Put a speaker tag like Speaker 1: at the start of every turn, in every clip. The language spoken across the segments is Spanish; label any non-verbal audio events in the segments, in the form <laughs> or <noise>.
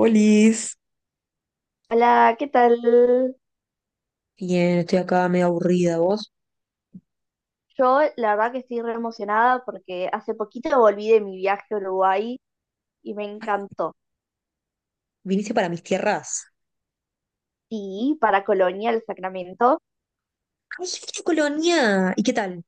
Speaker 1: Olis.
Speaker 2: Hola, ¿qué tal?
Speaker 1: Bien, estoy acá medio aburrida. ¿Vos?
Speaker 2: Yo la verdad que estoy re emocionada porque hace poquito volví de mi viaje a Uruguay y me
Speaker 1: Ay,
Speaker 2: encantó.
Speaker 1: viniste para mis tierras.
Speaker 2: Sí, para Colonia, el Sacramento.
Speaker 1: ¡Ay, qué colonia! ¿Y qué tal?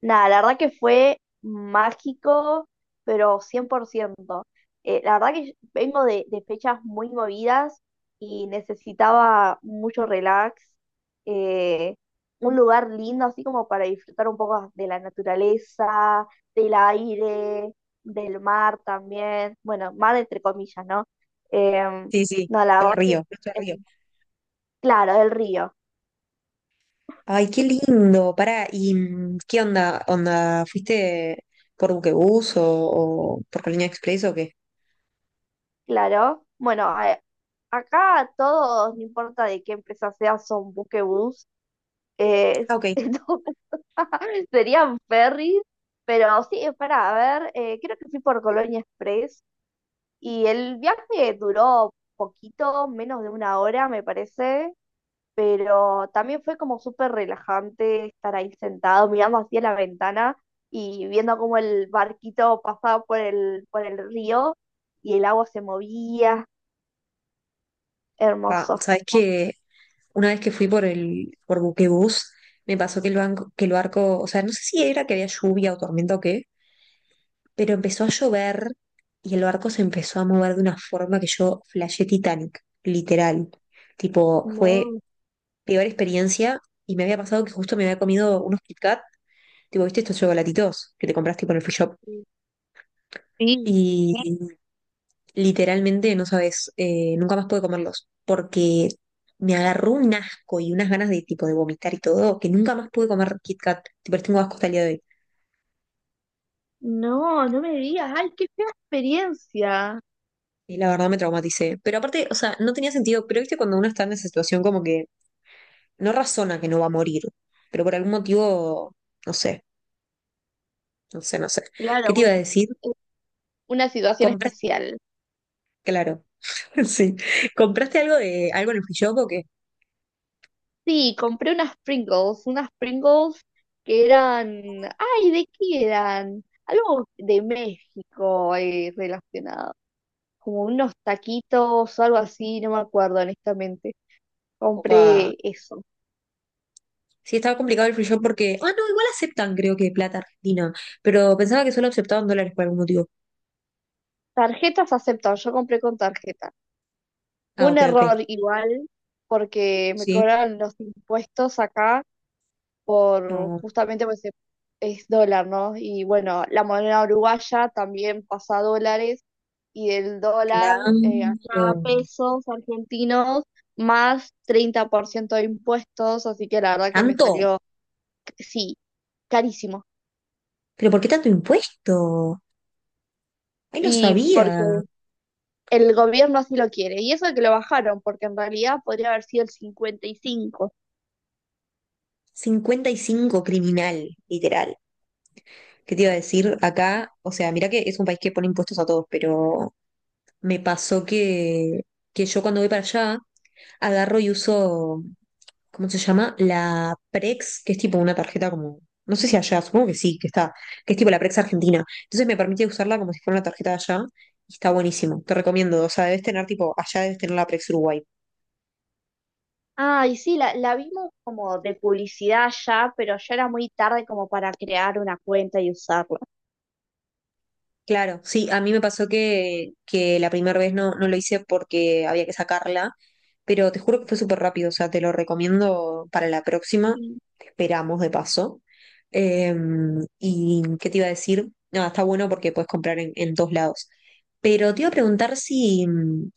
Speaker 2: Nada, la verdad que fue mágico, pero 100%. La verdad que yo vengo de fechas muy movidas y necesitaba mucho relax, eh, un lugar lindo así como para disfrutar un poco de la naturaleza, del aire, del mar también. Bueno, mar entre comillas, ¿no? Em,
Speaker 1: Sí, sí,
Speaker 2: no, la
Speaker 1: el
Speaker 2: verdad que,
Speaker 1: río, nuestro río.
Speaker 2: em, claro, del río.
Speaker 1: Ay, qué lindo. Pará, ¿y qué onda? ¿Onda? ¿Fuiste por buquebús o por Colonia Express o qué?
Speaker 2: Claro. Bueno, acá todos, no importa de qué empresa sea, son buquebús. Eh,
Speaker 1: Ah,
Speaker 2: <laughs>
Speaker 1: ok.
Speaker 2: entonces serían ferries, pero sí, espera a ver, creo que fui por Colonia Express y el viaje duró poquito, menos de una hora, me parece, pero también fue como súper relajante estar ahí sentado mirando hacia la ventana y viendo cómo el barquito pasaba por el río y el agua se movía,
Speaker 1: Pa,
Speaker 2: hermoso.
Speaker 1: ¿sabes que una vez que fui por el por buquebús, me pasó que el banco, que el barco, o sea, no sé si era que había lluvia o tormenta o qué, pero empezó a llover y el barco se empezó a mover de una forma que yo flashé Titanic, literal. Tipo, fue
Speaker 2: No,
Speaker 1: peor experiencia y me había pasado que justo me había comido unos Kit Kat, tipo, ¿viste estos chocolatitos que te compraste con el free shop?
Speaker 2: sí, sí.
Speaker 1: Y literalmente no sabes, nunca más pude comerlos porque me agarró un asco y unas ganas de tipo de vomitar y todo, que nunca más pude comer Kit Kat, tipo, les tengo asco hasta el día de hoy.
Speaker 2: No, no me digas. Ay, qué fea experiencia.
Speaker 1: Y la verdad me traumaticé. Pero aparte, o sea, no tenía sentido, pero viste cuando uno está en esa situación como que no razona que no va a morir, pero por algún motivo, no sé, no sé. ¿Qué
Speaker 2: Claro,
Speaker 1: te iba a
Speaker 2: bueno,
Speaker 1: decir?
Speaker 2: una situación
Speaker 1: Compraste,
Speaker 2: especial.
Speaker 1: claro, <laughs> sí, ¿compraste algo de algo en el free shop o qué?
Speaker 2: Sí, compré unas Pringles que eran, ay, ¿de qué eran? Algo de México, relacionado, como unos taquitos o algo así, no me acuerdo honestamente.
Speaker 1: Opa,
Speaker 2: Compré eso.
Speaker 1: sí, estaba complicado el free shop porque. Ah, no, igual aceptan, creo que plata argentina. Pero pensaba que solo aceptaban dólares por algún motivo.
Speaker 2: Tarjetas aceptan, yo compré con tarjeta.
Speaker 1: Ah,
Speaker 2: Fue un
Speaker 1: ok, ok.
Speaker 2: error igual porque me
Speaker 1: Sí.
Speaker 2: cobraron los impuestos acá por
Speaker 1: No,
Speaker 2: justamente pues es dólar, ¿no? Y bueno, la moneda uruguaya también pasa a dólares y del
Speaker 1: claro.
Speaker 2: dólar acá a pesos argentinos más 30% de impuestos, así que la verdad que me
Speaker 1: ¿Tanto?
Speaker 2: salió, sí, carísimo.
Speaker 1: ¿Pero por qué tanto impuesto? Ay, no
Speaker 2: Y porque
Speaker 1: sabía.
Speaker 2: el gobierno así lo quiere. Y eso que lo bajaron, porque en realidad podría haber sido el 55.
Speaker 1: Cincuenta y cinco criminal, literal. ¿Qué te iba a decir acá? O sea, mira que es un país que pone impuestos a todos, pero me pasó que yo cuando voy para allá agarro y uso, ¿cómo se llama? La Prex, que es tipo una tarjeta como, no sé si allá, supongo que sí, que está, que es tipo la Prex Argentina. Entonces me permite usarla como si fuera una tarjeta de allá y está buenísimo. Te recomiendo, o sea, debes tener tipo, allá debes tener la Prex Uruguay.
Speaker 2: Ay, sí, la vimos como de publicidad ya, pero ya era muy tarde como para crear una cuenta y usarla.
Speaker 1: Claro, sí, a mí me pasó que la primera vez no, no lo hice porque había que sacarla, pero te juro que fue súper rápido, o sea, te lo recomiendo para la próxima,
Speaker 2: Mm.
Speaker 1: te esperamos de paso. Eh, ¿Y qué te iba a decir? Nada, está bueno porque puedes comprar en todos lados. Pero te iba a preguntar si,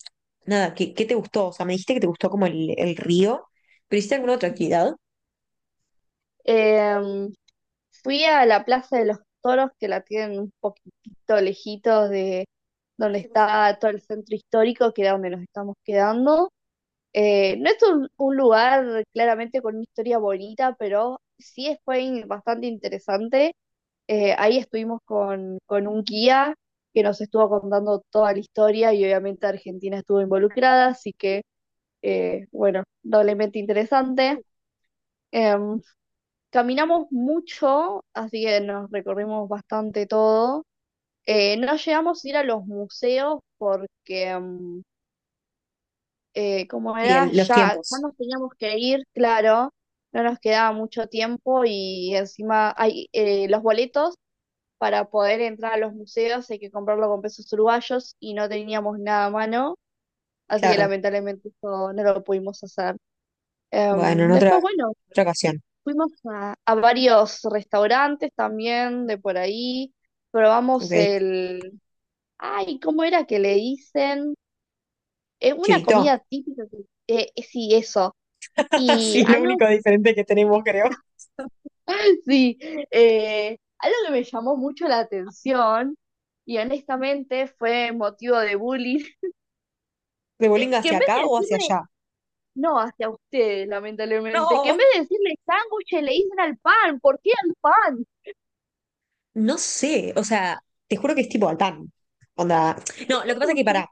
Speaker 1: nada, ¿qué, qué te gustó? O sea, me dijiste que te gustó como el río, pero ¿hiciste alguna otra actividad?
Speaker 2: Em, fui a la Plaza de los Toros, que la tienen un poquitito lejitos de donde está todo el centro histórico, que era donde nos estamos quedando. No es un lugar claramente con una historia bonita, pero bastante interesante. Ahí estuvimos con un guía que nos estuvo contando toda la historia y obviamente Argentina estuvo involucrada, así que, bueno, doblemente interesante. Em, Caminamos mucho, así que nos recorrimos bastante todo. No llegamos a ir a los museos porque, como
Speaker 1: Sí, el-
Speaker 2: era,
Speaker 1: los
Speaker 2: ya
Speaker 1: tiempos,
Speaker 2: nos teníamos que ir, claro, no nos quedaba mucho tiempo y encima hay los boletos para poder entrar a los museos, hay que comprarlo con pesos uruguayos y no teníamos nada a mano, así que
Speaker 1: claro.
Speaker 2: lamentablemente eso no lo pudimos hacer.
Speaker 1: Bueno,
Speaker 2: Después, bueno.
Speaker 1: otra ocasión,
Speaker 2: Fuimos a varios restaurantes también de por ahí. Probamos
Speaker 1: ok.
Speaker 2: el... Ay, ¿cómo era que le dicen? Es una
Speaker 1: Chivito.
Speaker 2: comida típica. Sí, eso.
Speaker 1: <laughs>
Speaker 2: Y
Speaker 1: Sí, es lo
Speaker 2: algo...
Speaker 1: único diferente que tenemos, creo.
Speaker 2: <laughs> Sí, algo que me llamó mucho la atención y honestamente fue motivo de bullying,
Speaker 1: ¿De
Speaker 2: <laughs>
Speaker 1: Bolinga
Speaker 2: que
Speaker 1: hacia
Speaker 2: en vez
Speaker 1: acá
Speaker 2: de
Speaker 1: o hacia
Speaker 2: decirle,
Speaker 1: allá?
Speaker 2: no hacia ustedes, lamentablemente, que en
Speaker 1: No,
Speaker 2: vez de decirle sándwiches le dicen al pan, ¿por qué al pan?
Speaker 1: no sé, o sea, te juro que es tipo Altán. Onda. No, lo que pasa es que
Speaker 2: Sándwiches.
Speaker 1: pará,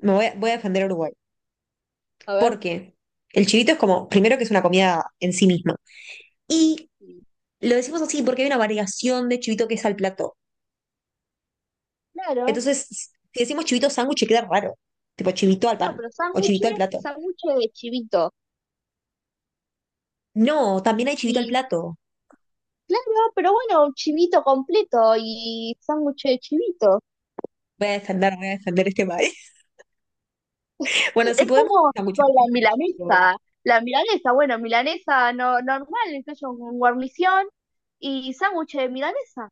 Speaker 1: voy a defender a Uruguay.
Speaker 2: A ver,
Speaker 1: Porque el chivito es como, primero que es una comida en sí misma. Y
Speaker 2: sí,
Speaker 1: lo decimos así porque hay una variación de chivito que es al plato.
Speaker 2: claro.
Speaker 1: Entonces, si decimos chivito sándwich, queda raro. Tipo chivito al
Speaker 2: No,
Speaker 1: pan
Speaker 2: pero
Speaker 1: o chivito
Speaker 2: sándwiches,
Speaker 1: al plato.
Speaker 2: sándwiches de chivito.
Speaker 1: No, también hay chivito al
Speaker 2: Y
Speaker 1: plato.
Speaker 2: claro, pero bueno, chivito completo y sándwiches de chivito.
Speaker 1: Voy a defender este país. Bueno, si
Speaker 2: Es
Speaker 1: podemos,
Speaker 2: como
Speaker 1: está mucho
Speaker 2: con la
Speaker 1: dulce, tipo,
Speaker 2: milanesa. La milanesa, bueno, milanesa no, normal, entonces con guarnición y sándwiches de milanesa.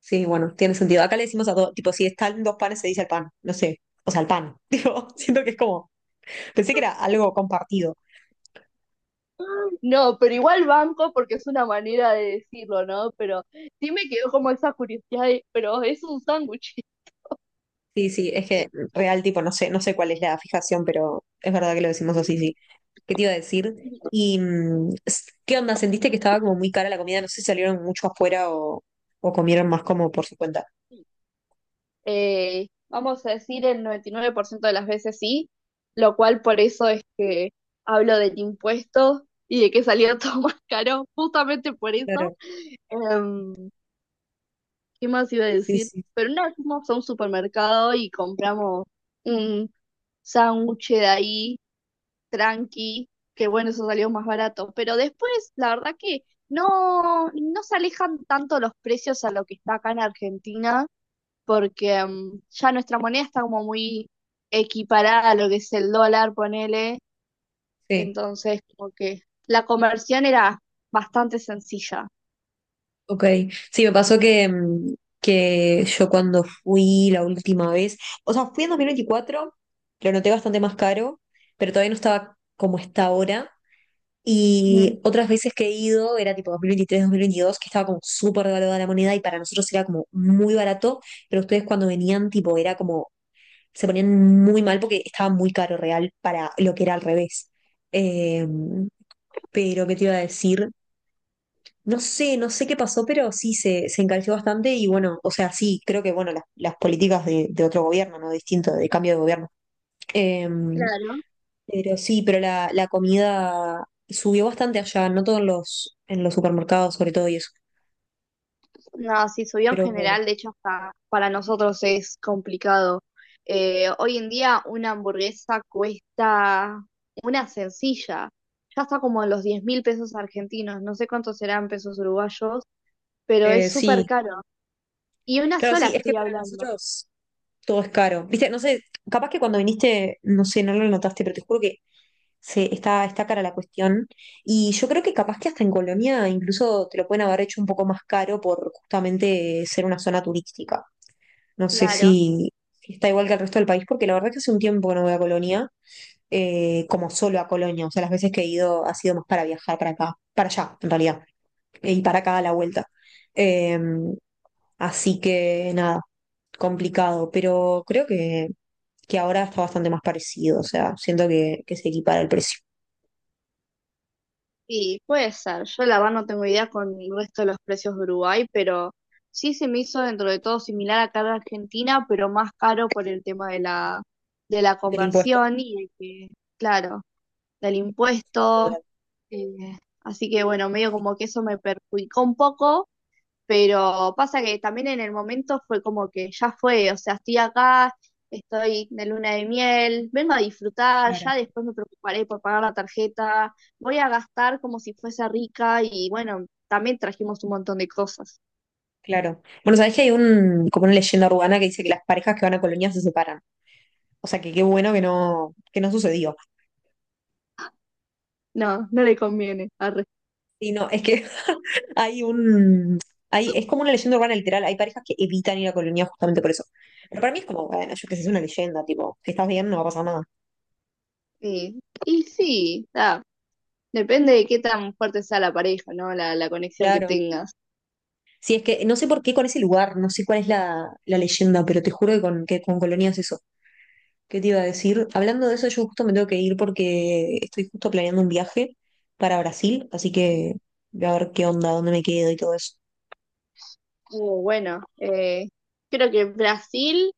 Speaker 1: sí, bueno, tiene sentido. Acá le decimos a dos, tipo, si están dos panes, se dice el pan, no sé. O sea, el pan. <laughs> Digo, siento que es como. Pensé que era algo compartido.
Speaker 2: No, pero igual banco porque es una manera de decirlo, ¿no? Pero sí me quedó como esa curiosidad de, pero es un sándwich.
Speaker 1: Sí, sí, es que real, tipo, no sé, no sé cuál es la fijación, pero es verdad que lo decimos así, sí. ¿Qué te iba a decir? ¿Y s- qué onda? ¿Sentiste que estaba como muy cara la comida? No sé si salieron mucho afuera o comieron más como por su cuenta.
Speaker 2: Vamos a decir el 99% de las veces sí, lo cual por eso es que hablo del impuesto y de que salió todo <laughs> más caro, justamente por eso.
Speaker 1: Claro,
Speaker 2: Em, ¿Qué más iba a
Speaker 1: sí,
Speaker 2: decir?
Speaker 1: sí.
Speaker 2: Pero una vez fuimos a un supermercado y compramos un sándwich de ahí, tranqui, que bueno, eso salió más barato. Pero después, la verdad que no, no se alejan tanto los precios a lo que está acá en Argentina porque ya nuestra moneda está como muy equiparada a lo que es el dólar, ponele,
Speaker 1: Sí.
Speaker 2: entonces como que la conversión era bastante sencilla.
Speaker 1: Ok, sí, me pasó que, que yo cuando fui la última vez, o sea, fui en 2024, lo noté bastante más caro, pero todavía no estaba como está ahora.
Speaker 2: Ujú.
Speaker 1: Y otras veces que he ido, era tipo 2023, 2022, que estaba como súper devaluada la moneda y para nosotros era como muy barato, pero ustedes cuando venían, tipo, era como, se ponían muy mal porque estaba muy caro real para lo que era al revés. Em, pero, ¿qué te iba a decir? No sé, no sé qué pasó, pero sí se encareció bastante y bueno, o sea, sí, creo que bueno, las políticas de otro gobierno, ¿no? Distinto, de cambio de gobierno. Eh,
Speaker 2: Claro.
Speaker 1: pero sí, pero la comida subió bastante allá, no todos los, en los supermercados sobre todo y eso.
Speaker 2: No, sí, subió en
Speaker 1: Pero bueno,
Speaker 2: general, de hecho hasta para nosotros es complicado. Hoy en día una hamburguesa cuesta una sencilla, ya está como en los 10.000 pesos argentinos, no sé cuántos serán pesos uruguayos, pero es súper
Speaker 1: sí,
Speaker 2: caro. Y una
Speaker 1: claro,
Speaker 2: sola
Speaker 1: sí, es que
Speaker 2: estoy
Speaker 1: para
Speaker 2: hablando,
Speaker 1: nosotros todo es caro. Viste, no sé, capaz que cuando viniste, no sé, no lo notaste, pero te juro que se, está, está cara la cuestión. Y yo creo que capaz que hasta en Colonia incluso te lo pueden haber hecho un poco más caro por justamente ser una zona turística. No sé
Speaker 2: claro.
Speaker 1: si, si está igual que el resto del país, porque la verdad es que hace un tiempo que no voy a Colonia, como solo a Colonia. O sea, las veces que he ido ha sido más para viajar para acá, para allá, en realidad, e y para acá a la vuelta. Eh, así que nada, complicado, pero creo que ahora está bastante más parecido. O sea, siento que se equipara el precio
Speaker 2: Y puede ser, yo la verdad no tengo idea con el resto de los precios de Uruguay, pero sí se me hizo dentro de todo similar acá en Argentina, pero más caro por el tema de de la
Speaker 1: del impuesto.
Speaker 2: conversión y de que, claro, del
Speaker 1: Sí,
Speaker 2: impuesto.
Speaker 1: total.
Speaker 2: eh, así que bueno, medio
Speaker 1: Sí,
Speaker 2: como que eso me perjudicó un poco, pero pasa que también en el momento fue como que ya fue, o sea, estoy acá, estoy de luna de miel, vengo a disfrutar,
Speaker 1: claro.
Speaker 2: ya después me preocuparé por pagar la tarjeta, voy a gastar como si fuese rica y bueno, también trajimos un montón de cosas.
Speaker 1: Claro. Bueno, sabés que hay un, como una leyenda urbana que dice que las parejas que van a Colonia se separan. O sea que qué bueno que no sucedió.
Speaker 2: No, no le conviene, arre.
Speaker 1: Y no, es que <laughs> hay un. Hay, es como una leyenda urbana literal. Hay parejas que evitan ir a Colonia justamente por eso. Pero para mí es como, bueno, yo qué sé, es una leyenda, tipo, si estás bien no va a pasar nada.
Speaker 2: Sí. Y sí, da, depende de qué tan fuerte sea la pareja, ¿no? La conexión que
Speaker 1: Claro.
Speaker 2: tengas.
Speaker 1: Sí, es que no sé por qué con ese lugar, no sé cuál es la, la leyenda, pero te juro que con Colonia es eso. ¿Qué te iba a decir? Hablando de eso, yo justo me tengo que ir porque estoy justo planeando un viaje para Brasil, así que voy a ver qué onda, dónde me quedo y todo eso.
Speaker 2: Bueno, creo que Brasil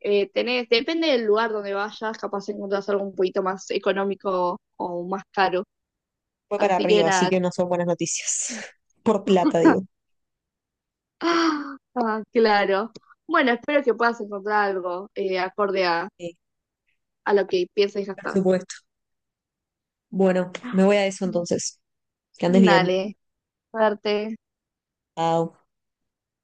Speaker 2: tenés, depende del lugar donde vayas, capaz encontrás algo un poquito más económico o más caro.
Speaker 1: Fue para
Speaker 2: Así que
Speaker 1: Río, así
Speaker 2: nada.
Speaker 1: que
Speaker 2: <gasps>
Speaker 1: no son buenas noticias. <laughs> Por plata, digo.
Speaker 2: Ah, ah, claro. Bueno, espero que puedas encontrar algo acorde
Speaker 1: Sí,
Speaker 2: a lo que piensas
Speaker 1: por
Speaker 2: gastar.
Speaker 1: supuesto. Bueno, me voy a eso
Speaker 2: <gasps>
Speaker 1: entonces. Que andes bien.
Speaker 2: Dale, suerte.
Speaker 1: Chao.